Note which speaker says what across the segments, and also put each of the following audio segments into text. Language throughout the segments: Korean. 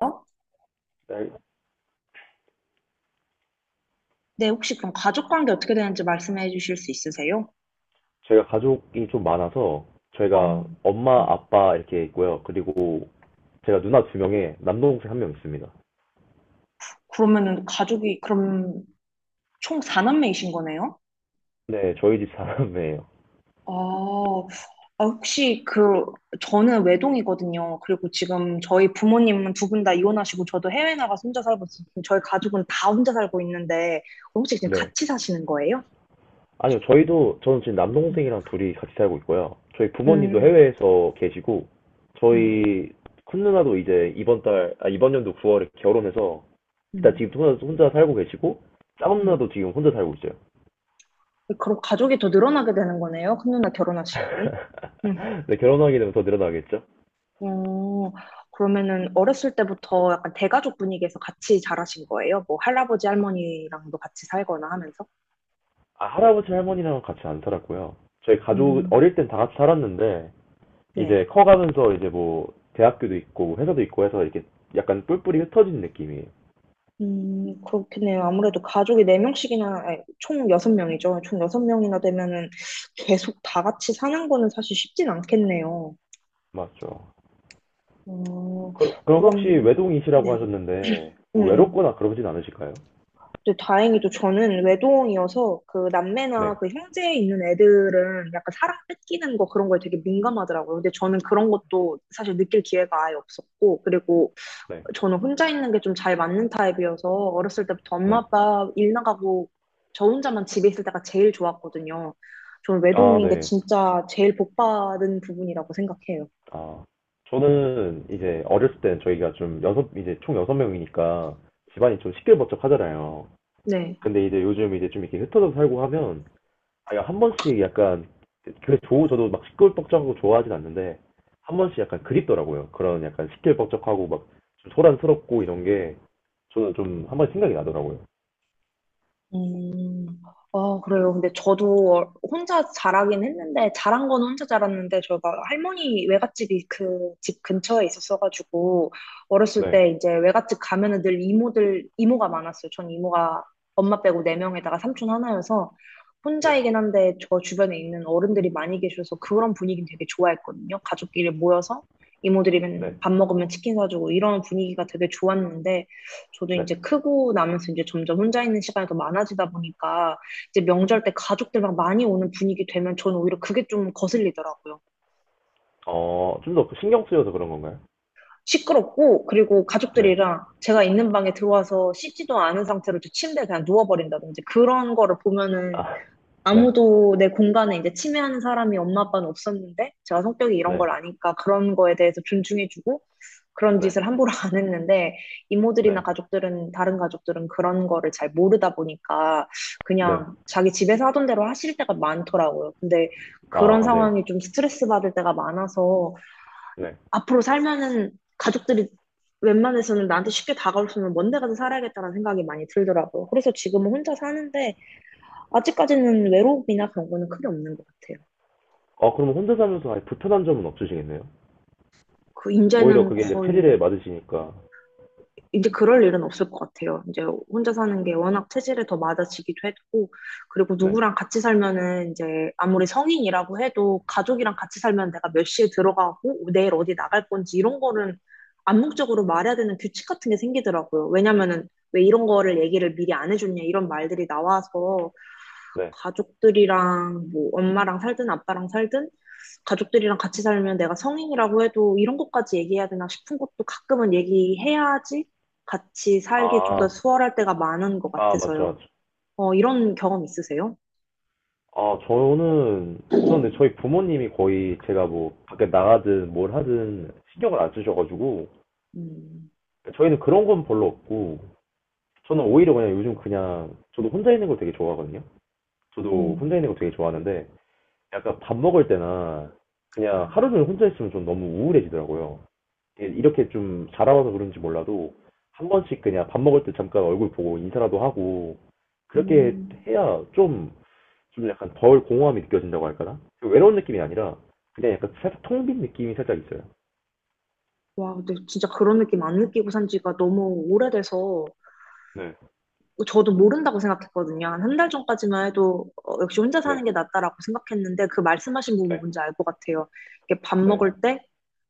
Speaker 1: 어?
Speaker 2: 네,
Speaker 1: 네, 혹시 그럼 가족 관계 어떻게 되는지 말씀해 주실 수 있으세요?
Speaker 2: 제가 가족이 좀 많아서 저희가
Speaker 1: 어,
Speaker 2: 엄마,
Speaker 1: 음.
Speaker 2: 아빠 이렇게 있고요. 그리고 제가 누나 두 명에 남동생 한 명 있습니다.
Speaker 1: 그러면은 가족이 그럼 총 4남매이신 거네요?
Speaker 2: 네, 저희 집 사람이에요.
Speaker 1: 아, 아, 혹시 그 저는 외동이거든요. 그리고 지금 저희 부모님은 두 분 다 이혼하시고 저도 해외 나가서 혼자 살고 있어요. 저희 가족은 다 혼자 살고 있는데 혹시 지금
Speaker 2: 네.
Speaker 1: 같이 사시는 거예요?
Speaker 2: 아니요, 저희도 저는 지금 남동생이랑 둘이 같이 살고 있고요. 저희 부모님도
Speaker 1: 음,
Speaker 2: 해외에서 계시고
Speaker 1: 음,
Speaker 2: 저희 큰 누나도 이제 이번 연도 9월에 결혼해서 일단
Speaker 1: 음,
Speaker 2: 지금 혼자 살고 계시고 작은 누나도
Speaker 1: 음.
Speaker 2: 지금 혼자 살고 있어요.
Speaker 1: 그럼 가족이 더 늘어나게 되는 거네요. 큰 누나 결혼하시면은.
Speaker 2: 네, 결혼하게 되면 더 늘어나겠죠?
Speaker 1: 어, 그러면은 어렸을 때부터 약간 대가족 분위기에서 같이 자라신 거예요? 뭐 할아버지 할머니랑도 같이 살거나 하면서?
Speaker 2: 아, 할아버지 할머니랑 같이 안 살았고요. 저희 가족
Speaker 1: 음,
Speaker 2: 어릴 땐 다 같이 살았는데
Speaker 1: 네.
Speaker 2: 이제 커가면서 이제 뭐 대학교도 있고 뭐 회사도 있고 해서 이렇게 약간 뿔뿔이 흩어진 느낌이에요.
Speaker 1: 그렇겠네요. 아무래도 가족이 네명씩이나 아니, 총 여섯 명이죠총 여섯 명이나 되면은 계속 다 같이 사는 거는 사실 쉽진 않겠네요.
Speaker 2: 맞죠.
Speaker 1: 어,
Speaker 2: 그럼, 그럼 혹시
Speaker 1: 그럼,
Speaker 2: 외동이시라고
Speaker 1: 네.
Speaker 2: 하셨는데
Speaker 1: 음,
Speaker 2: 뭐
Speaker 1: 음.
Speaker 2: 외롭거나 그러진 않으실까요?
Speaker 1: 근데 다행히도 저는 외동이어서 그 남매나
Speaker 2: 네,
Speaker 1: 그 형제 있는 애들은 약간 사랑 뺏기는 거 그런 거에 되게 민감하더라고요. 근데 저는 그런 것도 사실 느낄 기회가 아예 없었고, 그리고
Speaker 2: 네,
Speaker 1: 저는 혼자 있는 게 좀 잘 맞는 타입이어서 어렸을 때부터 엄마
Speaker 2: 네.
Speaker 1: 아빠 일 나가고 저 혼자만 집에 있을 때가 제일 좋았거든요. 저는
Speaker 2: 아,
Speaker 1: 외동인 게
Speaker 2: 네.
Speaker 1: 진짜 제일 복 받은 부분이라고 생각해요.
Speaker 2: 아, 저는 이제 어렸을 땐 저희가 좀 여섯 이제 총 여섯 명이니까 집안이 좀 시끌벅적하잖아요.
Speaker 1: 네.
Speaker 2: 근데 이제 요즘 이제 좀 이렇게 흩어져 살고 하면 아니, 한 번씩 약간, 저도 막 시끌벅적하고 좋아하진 않는데, 한 번씩 약간 그립더라고요. 그런 약간 시끌벅적하고 막, 좀 소란스럽고 이런 게, 저는 좀 한 번 생각이 나더라고요.
Speaker 1: 음, 아, 그래요. 근데 저도 혼자 자라긴 했는데, 자란 거는 혼자 자랐는데, 저가 할머니 외갓집이 그 집 근처에 있었어가지고, 어렸을
Speaker 2: 네,
Speaker 1: 때 이제 외갓집 가면은 늘 이모들, 이모가 많았어요. 전 이모가 엄마 빼고 네 명에다가 삼촌 하나여서,
Speaker 2: 네,
Speaker 1: 혼자이긴 한데, 저 주변에 있는 어른들이 많이 계셔서 그런 분위기는 되게 좋아했거든요. 가족끼리 모여서 이모들이
Speaker 2: 네,
Speaker 1: 맨밥 먹으면 치킨 사주고 이런 분위기가 되게 좋았는데, 저도
Speaker 2: 네.
Speaker 1: 이제 크고 나면서 이제 점점 혼자 있는 시간이 더 많아지다 보니까 이제 명절 때 가족들 막 많이 오는 분위기 되면 저는 오히려 그게 좀 거슬리더라고요.
Speaker 2: 어, 좀 더 신경 쓰여서 그런 건가요?
Speaker 1: 시끄럽고 그리고
Speaker 2: 네,
Speaker 1: 가족들이랑 제가 있는 방에 들어와서 씻지도 않은 상태로 제 침대에 그냥 누워버린다든지 그런 거를 보면은
Speaker 2: 아, 네,
Speaker 1: 아무도 내 공간에 이제 침해하는 사람이 엄마 아빠는 없었는데 제가 성격이 이런
Speaker 2: 네,
Speaker 1: 걸 아니까 그런 거에 대해서 존중해주고 그런
Speaker 2: 네,
Speaker 1: 짓을 함부로 안 했는데
Speaker 2: 네,
Speaker 1: 이모들이나 가족들은 다른 가족들은 그런 거를 잘 모르다 보니까
Speaker 2: 네,
Speaker 1: 그냥 자기 집에서 하던 대로 하실 때가 많더라고요. 근데 그런
Speaker 2: 아, 네,
Speaker 1: 상황이 좀 스트레스 받을 때가 많아서
Speaker 2: 네.
Speaker 1: 앞으로 살면은 가족들이 웬만해서는 나한테 쉽게 다가올 수 있는 먼데 가서 살아야겠다는 생각이 많이 들더라고요. 그래서 지금은 혼자 사는데 아직까지는 외롭이나 그런 거는 크게 없는 것 같아요.
Speaker 2: 아, 그럼 혼자 살면서 아예 불편한 점은 없으시겠네요?
Speaker 1: 그
Speaker 2: 오히려
Speaker 1: 이제는
Speaker 2: 그게 이제 체질에
Speaker 1: 거의
Speaker 2: 맞으시니까.
Speaker 1: 이제 그럴 일은 없을 것 같아요. 이제 혼자 사는 게 워낙 체질에 더 맞아지기도 했고, 그리고
Speaker 2: 네,
Speaker 1: 누구랑 같이 살면은 이제 아무리 성인이라고 해도 가족이랑 같이 살면 내가 몇 시에 들어가고 내일 어디 나갈 건지 이런 거는 암묵적으로 말해야 되는 규칙 같은 게 생기더라고요. 왜냐면은 왜 이런 거를 얘기를 미리 안 해줬냐 이런 말들이 나와서
Speaker 2: 네.
Speaker 1: 가족들이랑 뭐 엄마랑 살든 아빠랑 살든 가족들이랑 같이 살면 내가 성인이라고 해도 이런 것까지 얘기해야 되나 싶은 것도 가끔은 얘기해야지 같이 살기 좀 더
Speaker 2: 아,
Speaker 1: 수월할 때가 많은 것
Speaker 2: 아, 맞죠,
Speaker 1: 같아서요.
Speaker 2: 맞죠.
Speaker 1: 어, 이런 경험 있으세요?
Speaker 2: 아, 저는 근데 저희 부모님이 거의 제가 뭐, 밖에 나가든 뭘 하든 신경을 안 쓰셔가지고,
Speaker 1: 음,
Speaker 2: 저희는 그런 건 별로 없고, 저는 오히려 그냥 요즘 그냥, 저도 혼자 있는 걸 되게 좋아하거든요? 저도 혼자
Speaker 1: 음,
Speaker 2: 있는 걸 되게 좋아하는데, 약간 밥 먹을 때나,
Speaker 1: 아,
Speaker 2: 그냥 하루 종일 혼자 있으면 좀 너무 우울해지더라고요. 예, 이렇게 좀 자라와서 그런지 몰라도, 한 번씩 그냥 밥 먹을 때 잠깐 얼굴 보고 인사라도 하고, 그렇게
Speaker 1: 음.
Speaker 2: 해야 좀 좀 약간 덜 공허함이 느껴진다고 할까나? 그 외로운 느낌이 아니라 그냥 약간 살짝 통빈 느낌이 살짝 있어요.
Speaker 1: 와, 근데 진짜 그런 느낌 안 느끼고 산 지가 너무 오래돼서
Speaker 2: 네,
Speaker 1: 저도 모른다고 생각했거든요. 한 한 달 전까지만 해도 어, 역시 혼자
Speaker 2: 네,
Speaker 1: 사는 게 낫다라고 생각했는데 그 말씀하신 부분
Speaker 2: 네,
Speaker 1: 뭔지 알 것 같아요. 이게 밥
Speaker 2: 네,
Speaker 1: 먹을 때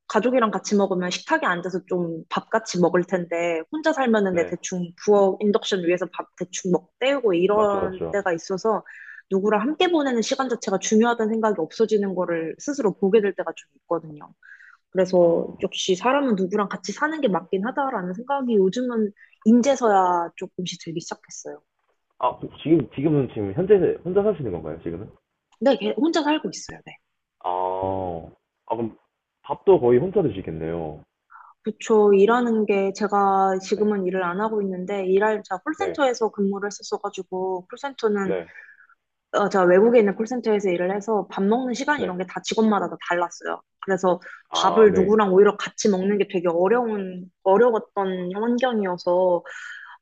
Speaker 1: 가족이랑 같이 먹으면 식탁에 앉아서 좀 밥 같이 먹을 텐데 혼자 살면은 내
Speaker 2: 네,
Speaker 1: 대충 부엌 인덕션 위에서 밥 대충 먹 때우고
Speaker 2: 맞죠, 맞죠.
Speaker 1: 이런
Speaker 2: 맞죠.
Speaker 1: 때가 있어서 누구랑 함께 보내는 시간 자체가 중요하다는 생각이 없어지는 거를 스스로 보게 될 때가 좀 있거든요. 그래서
Speaker 2: 어,
Speaker 1: 역시 사람은 누구랑 같이 사는 게 맞긴 하다라는 생각이 요즘은 인제서야 조금씩 들기 시작했어요.
Speaker 2: 아, 지금은 지금 현재 혼자 사시는 건가요, 지금은?
Speaker 1: 근데 걔 혼자 살고 있어요, 네.
Speaker 2: 아, 어, 아, 그럼, 밥도 거의 혼자 드시겠네요.
Speaker 1: 그쵸. 일하는 게
Speaker 2: 어,
Speaker 1: 제가
Speaker 2: 네,
Speaker 1: 지금은 일을 안 하고 있는데 일할 제가
Speaker 2: 네,
Speaker 1: 콜센터에서 근무를 했었어가지고 콜센터는
Speaker 2: 네,
Speaker 1: 어, 제가 외국에 있는 콜센터에서 일을 해서 밥 먹는 시간
Speaker 2: 네,
Speaker 1: 이런 게 다 직원마다 다 달랐어요. 그래서
Speaker 2: 아, 아,
Speaker 1: 밥을
Speaker 2: 네.
Speaker 1: 누구랑 오히려 같이 먹는 게 되게 어려웠던 환경이어서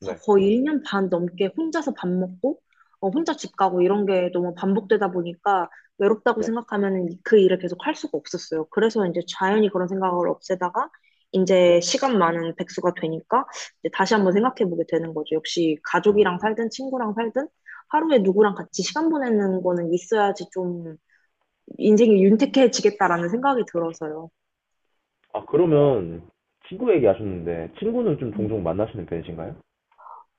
Speaker 2: 네,
Speaker 1: 거의 1년 반 넘게 혼자서 밥 먹고, 어, 혼자 집 가고 이런 게 너무 반복되다 보니까 외롭다고
Speaker 2: 네,
Speaker 1: 생각하면 그 일을 계속 할 수가 없었어요. 그래서 이제 자연히 그런 생각을 없애다가 이제
Speaker 2: 네.
Speaker 1: 시간 많은 백수가 되니까 이제 다시 한번 생각해 보게 되는 거죠. 역시 가족이랑
Speaker 2: 음.
Speaker 1: 살든 친구랑 살든 하루에 누구랑 같이 시간 보내는 거는 있어야지 좀 인생이 윤택해지겠다라는 생각이 들어서요.
Speaker 2: 아, 그러면 친구 얘기하셨는데 친구는 좀 종종 만나시는 편이신가요?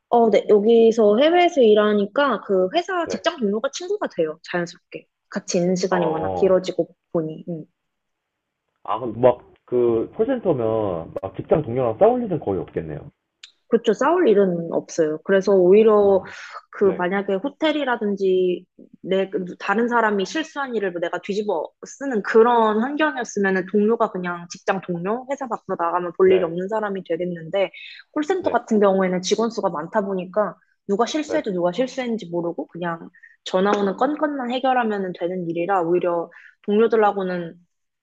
Speaker 1: 어, 네. 여기서 해외에서 일하니까 그 회사
Speaker 2: 네,
Speaker 1: 직장 동료가 친구가 돼요. 자연스럽게. 같이 있는
Speaker 2: 아..
Speaker 1: 시간이 워낙
Speaker 2: 어.
Speaker 1: 길어지고 보니. 음.
Speaker 2: 아, 그럼 막, 그, 콜센터면, 막, 직장 동료랑 싸울 일은 거의 없겠네요.
Speaker 1: 그렇죠. 싸울 일은 없어요. 그래서 오히려
Speaker 2: 음,
Speaker 1: 그
Speaker 2: 네,
Speaker 1: 만약에 호텔이라든지 내 그 다른 사람이 실수한 일을 뭐 내가 뒤집어 쓰는 그런 환경이었으면은 동료가 그냥 직장 동료, 회사 밖으로 나가면 볼 일이
Speaker 2: 네,
Speaker 1: 없는 사람이 되겠는데 콜센터
Speaker 2: 네,
Speaker 1: 같은 경우에는 직원 수가 많다 보니까 누가
Speaker 2: 네.
Speaker 1: 실수해도 누가 실수했는지 모르고 그냥 전화 오는 건건만 해결하면 되는 일이라 오히려 동료들하고는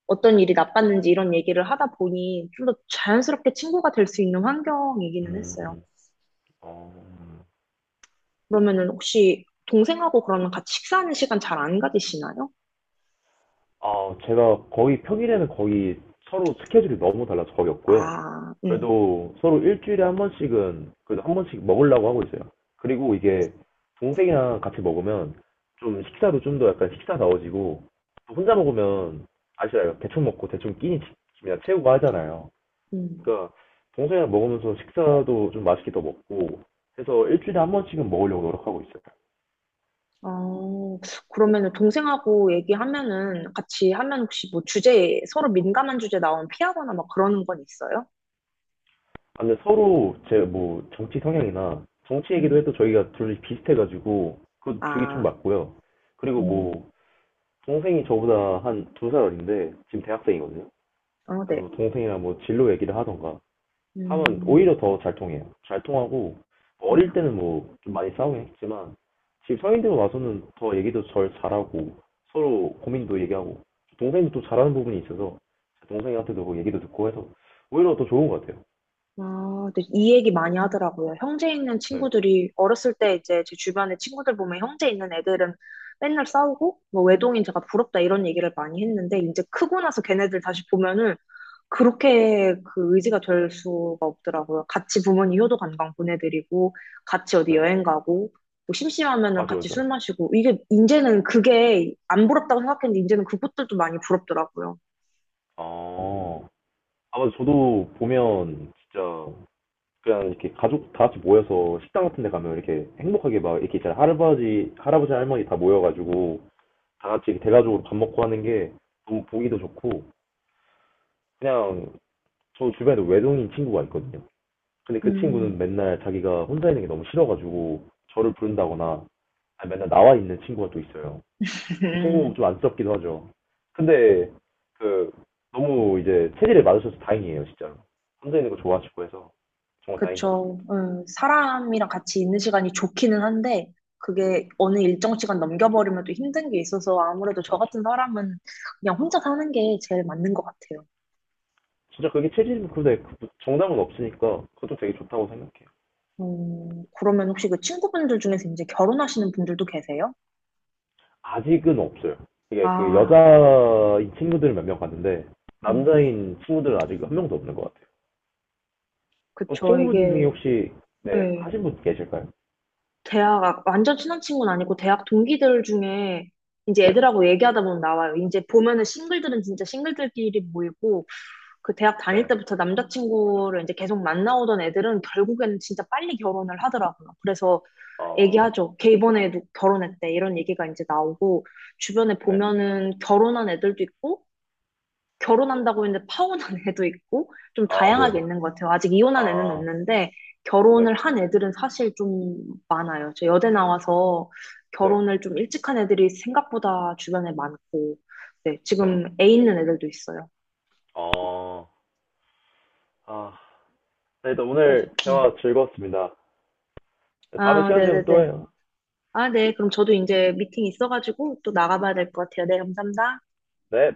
Speaker 1: 어떤 일이 나빴는지 이런 얘기를 하다 보니 좀 더 자연스럽게 친구가 될 수 있는 환경이기는 했어요.
Speaker 2: 음, 어,
Speaker 1: 그러면은 혹시 동생하고 그러면 같이 식사하는 시간 잘 안 가지시나요?
Speaker 2: 아, 제가 거의 평일에는 거의 서로 스케줄이 너무 달라서 거의 없고요.
Speaker 1: 아,
Speaker 2: 그래도 서로 일주일에 한 번씩은, 그래도 한 번씩 먹으려고 하고 있어요. 그리고 이게, 동생이랑 같이 먹으면, 좀 식사도 좀 더 약간 식사다워지고, 또 혼자 먹으면, 아시잖아요. 대충 먹고 대충 끼니 치- 그냥 채우고 하잖아요.
Speaker 1: 음.
Speaker 2: 그러니까 동생이랑 먹으면서 식사도 좀 맛있게 더 먹고 해서 일주일에 한 번씩은 먹으려고 노력하고 있어요.
Speaker 1: 어, 그러면은 동생하고 얘기하면은 같이 하면 혹시 뭐 주제, 서로 민감한 주제 나오면 피하거나 막 그러는 건 있어요?
Speaker 2: 아, 근데 서로 제 뭐 정치 성향이나 정치 얘기도
Speaker 1: 음,
Speaker 2: 해도 저희가 둘이 비슷해가지고 그 주기 좀
Speaker 1: 아,
Speaker 2: 맞고요. 그리고
Speaker 1: 음,
Speaker 2: 뭐 동생이 저보다 한 두 살 어린데 지금 대학생이거든요.
Speaker 1: 어,
Speaker 2: 그래서
Speaker 1: 네.
Speaker 2: 뭐 동생이랑 뭐 진로 얘기를 하던가 하면 오히려
Speaker 1: 음,
Speaker 2: 더 잘 통해요. 잘 통하고 어릴
Speaker 1: 음.
Speaker 2: 때는 뭐 좀 많이 싸우긴 했지만 지금 성인들 와서는 더 얘기도 절 잘하고 서로 고민도 얘기하고 동생도 또 잘하는 부분이 있어서 동생한테도 뭐 얘기도 듣고 해서 오히려 더 좋은 것 같아요.
Speaker 1: 아, 근데 이 얘기 많이 하더라고요. 형제 있는
Speaker 2: 네,
Speaker 1: 친구들이 어렸을 때 이제 제 주변에 친구들 보면 형제 있는 애들은 맨날 싸우고 뭐 외동인 제가 부럽다 이런 얘기를 많이 했는데 이제 크고 나서 걔네들 다시 보면은 그렇게 그 의지가 될 수가 없더라고요. 같이 부모님 효도 관광 보내드리고 같이 어디
Speaker 2: 네,
Speaker 1: 여행 가고 뭐 심심하면은
Speaker 2: 맞아요,
Speaker 1: 같이
Speaker 2: 맞아요.
Speaker 1: 술 마시고 이게 이제는 그게 안 부럽다고 생각했는데 이제는 그것들도 많이 부럽더라고요.
Speaker 2: 어, 아마 저도 보면 진짜 그냥 이렇게 가족 다 같이 모여서 식당 같은 데 가면 이렇게 행복하게 막 이렇게 잘 할아버지, 할아버지, 할머니 다 모여가지고 다 같이 대가족으로 밥 먹고 하는 게 너무 보기도 좋고 그냥 저 주변에도 외동인 친구가 있거든요. 근데 그 친구는
Speaker 1: 음.
Speaker 2: 맨날 자기가 혼자 있는 게 너무 싫어가지고 저를 부른다거나 아니, 맨날 나와 있는 친구가 또 있어요. 그 친구 좀 안쓰럽기도 하죠. 근데 그 너무 이제 체질에 맞으셔서 다행이에요, 진짜로. 혼자 있는 거 좋아하시고 해서 정말 다행인 것
Speaker 1: 그쵸.
Speaker 2: 같습니다.
Speaker 1: 사람이랑 같이 있는 시간이 좋기는 한데, 그게 어느 일정 시간 넘겨버리면 또 힘든 게 있어서 아무래도 저
Speaker 2: 맞죠.
Speaker 1: 같은 사람은 그냥 혼자 사는 게 제일 맞는 것 같아요.
Speaker 2: 진짜 그게 체질인데 정답은 없으니까 그것도 되게 좋다고 생각해요.
Speaker 1: 그러면 혹시 그 친구분들 중에서 이제 결혼하시는 분들도 계세요?
Speaker 2: 아직은 없어요. 이게 그
Speaker 1: 아,
Speaker 2: 여자인 친구들 몇 명 갔는데
Speaker 1: 음,
Speaker 2: 남자인 친구들은 아직 한 명도 없는 것 같아요. 어,
Speaker 1: 그쵸.
Speaker 2: 친구분 중에
Speaker 1: 이게,
Speaker 2: 혹시 네
Speaker 1: 예,
Speaker 2: 하신 분 계실까요?
Speaker 1: 대학, 아, 완전 친한 친구는 아니고 대학 동기들 중에 이제
Speaker 2: 네,
Speaker 1: 애들하고 얘기하다 보면 나와요. 이제 보면은 싱글들은 진짜 싱글들끼리 모이고, 그 대학 다닐
Speaker 2: 네,
Speaker 1: 때부터 남자친구를 이제 계속 만나오던 애들은 결국에는 진짜 빨리 결혼을 하더라고요. 그래서
Speaker 2: 어,
Speaker 1: 얘기하죠. 걔 이번에 도 결혼했대. 이런 얘기가 이제 나오고, 주변에
Speaker 2: 네,
Speaker 1: 보면은 결혼한 애들도 있고, 결혼한다고 했는데 파혼한 애도 있고, 좀
Speaker 2: 아,
Speaker 1: 다양하게
Speaker 2: 네,
Speaker 1: 있는 것 같아요. 아직 이혼한 애는
Speaker 2: 아,
Speaker 1: 없는데,
Speaker 2: 네,
Speaker 1: 결혼을 한 애들은 사실 좀 많아요. 저 여대 나와서
Speaker 2: 네,
Speaker 1: 결혼을 좀 일찍 한 애들이 생각보다 주변에 많고, 네,
Speaker 2: 네,
Speaker 1: 지금 애 있는 애들도 있어요.
Speaker 2: 어, 아, 네, 또
Speaker 1: 그래서,
Speaker 2: 오늘
Speaker 1: 음.
Speaker 2: 대화 즐거웠습니다. 다음에
Speaker 1: 아,
Speaker 2: 시간 되면 또
Speaker 1: 네네네.
Speaker 2: 해요.
Speaker 1: 아, 네. 그럼 저도 이제 미팅 있어가지고 또 나가봐야 될 것 같아요. 네, 감사합니다.
Speaker 2: 네.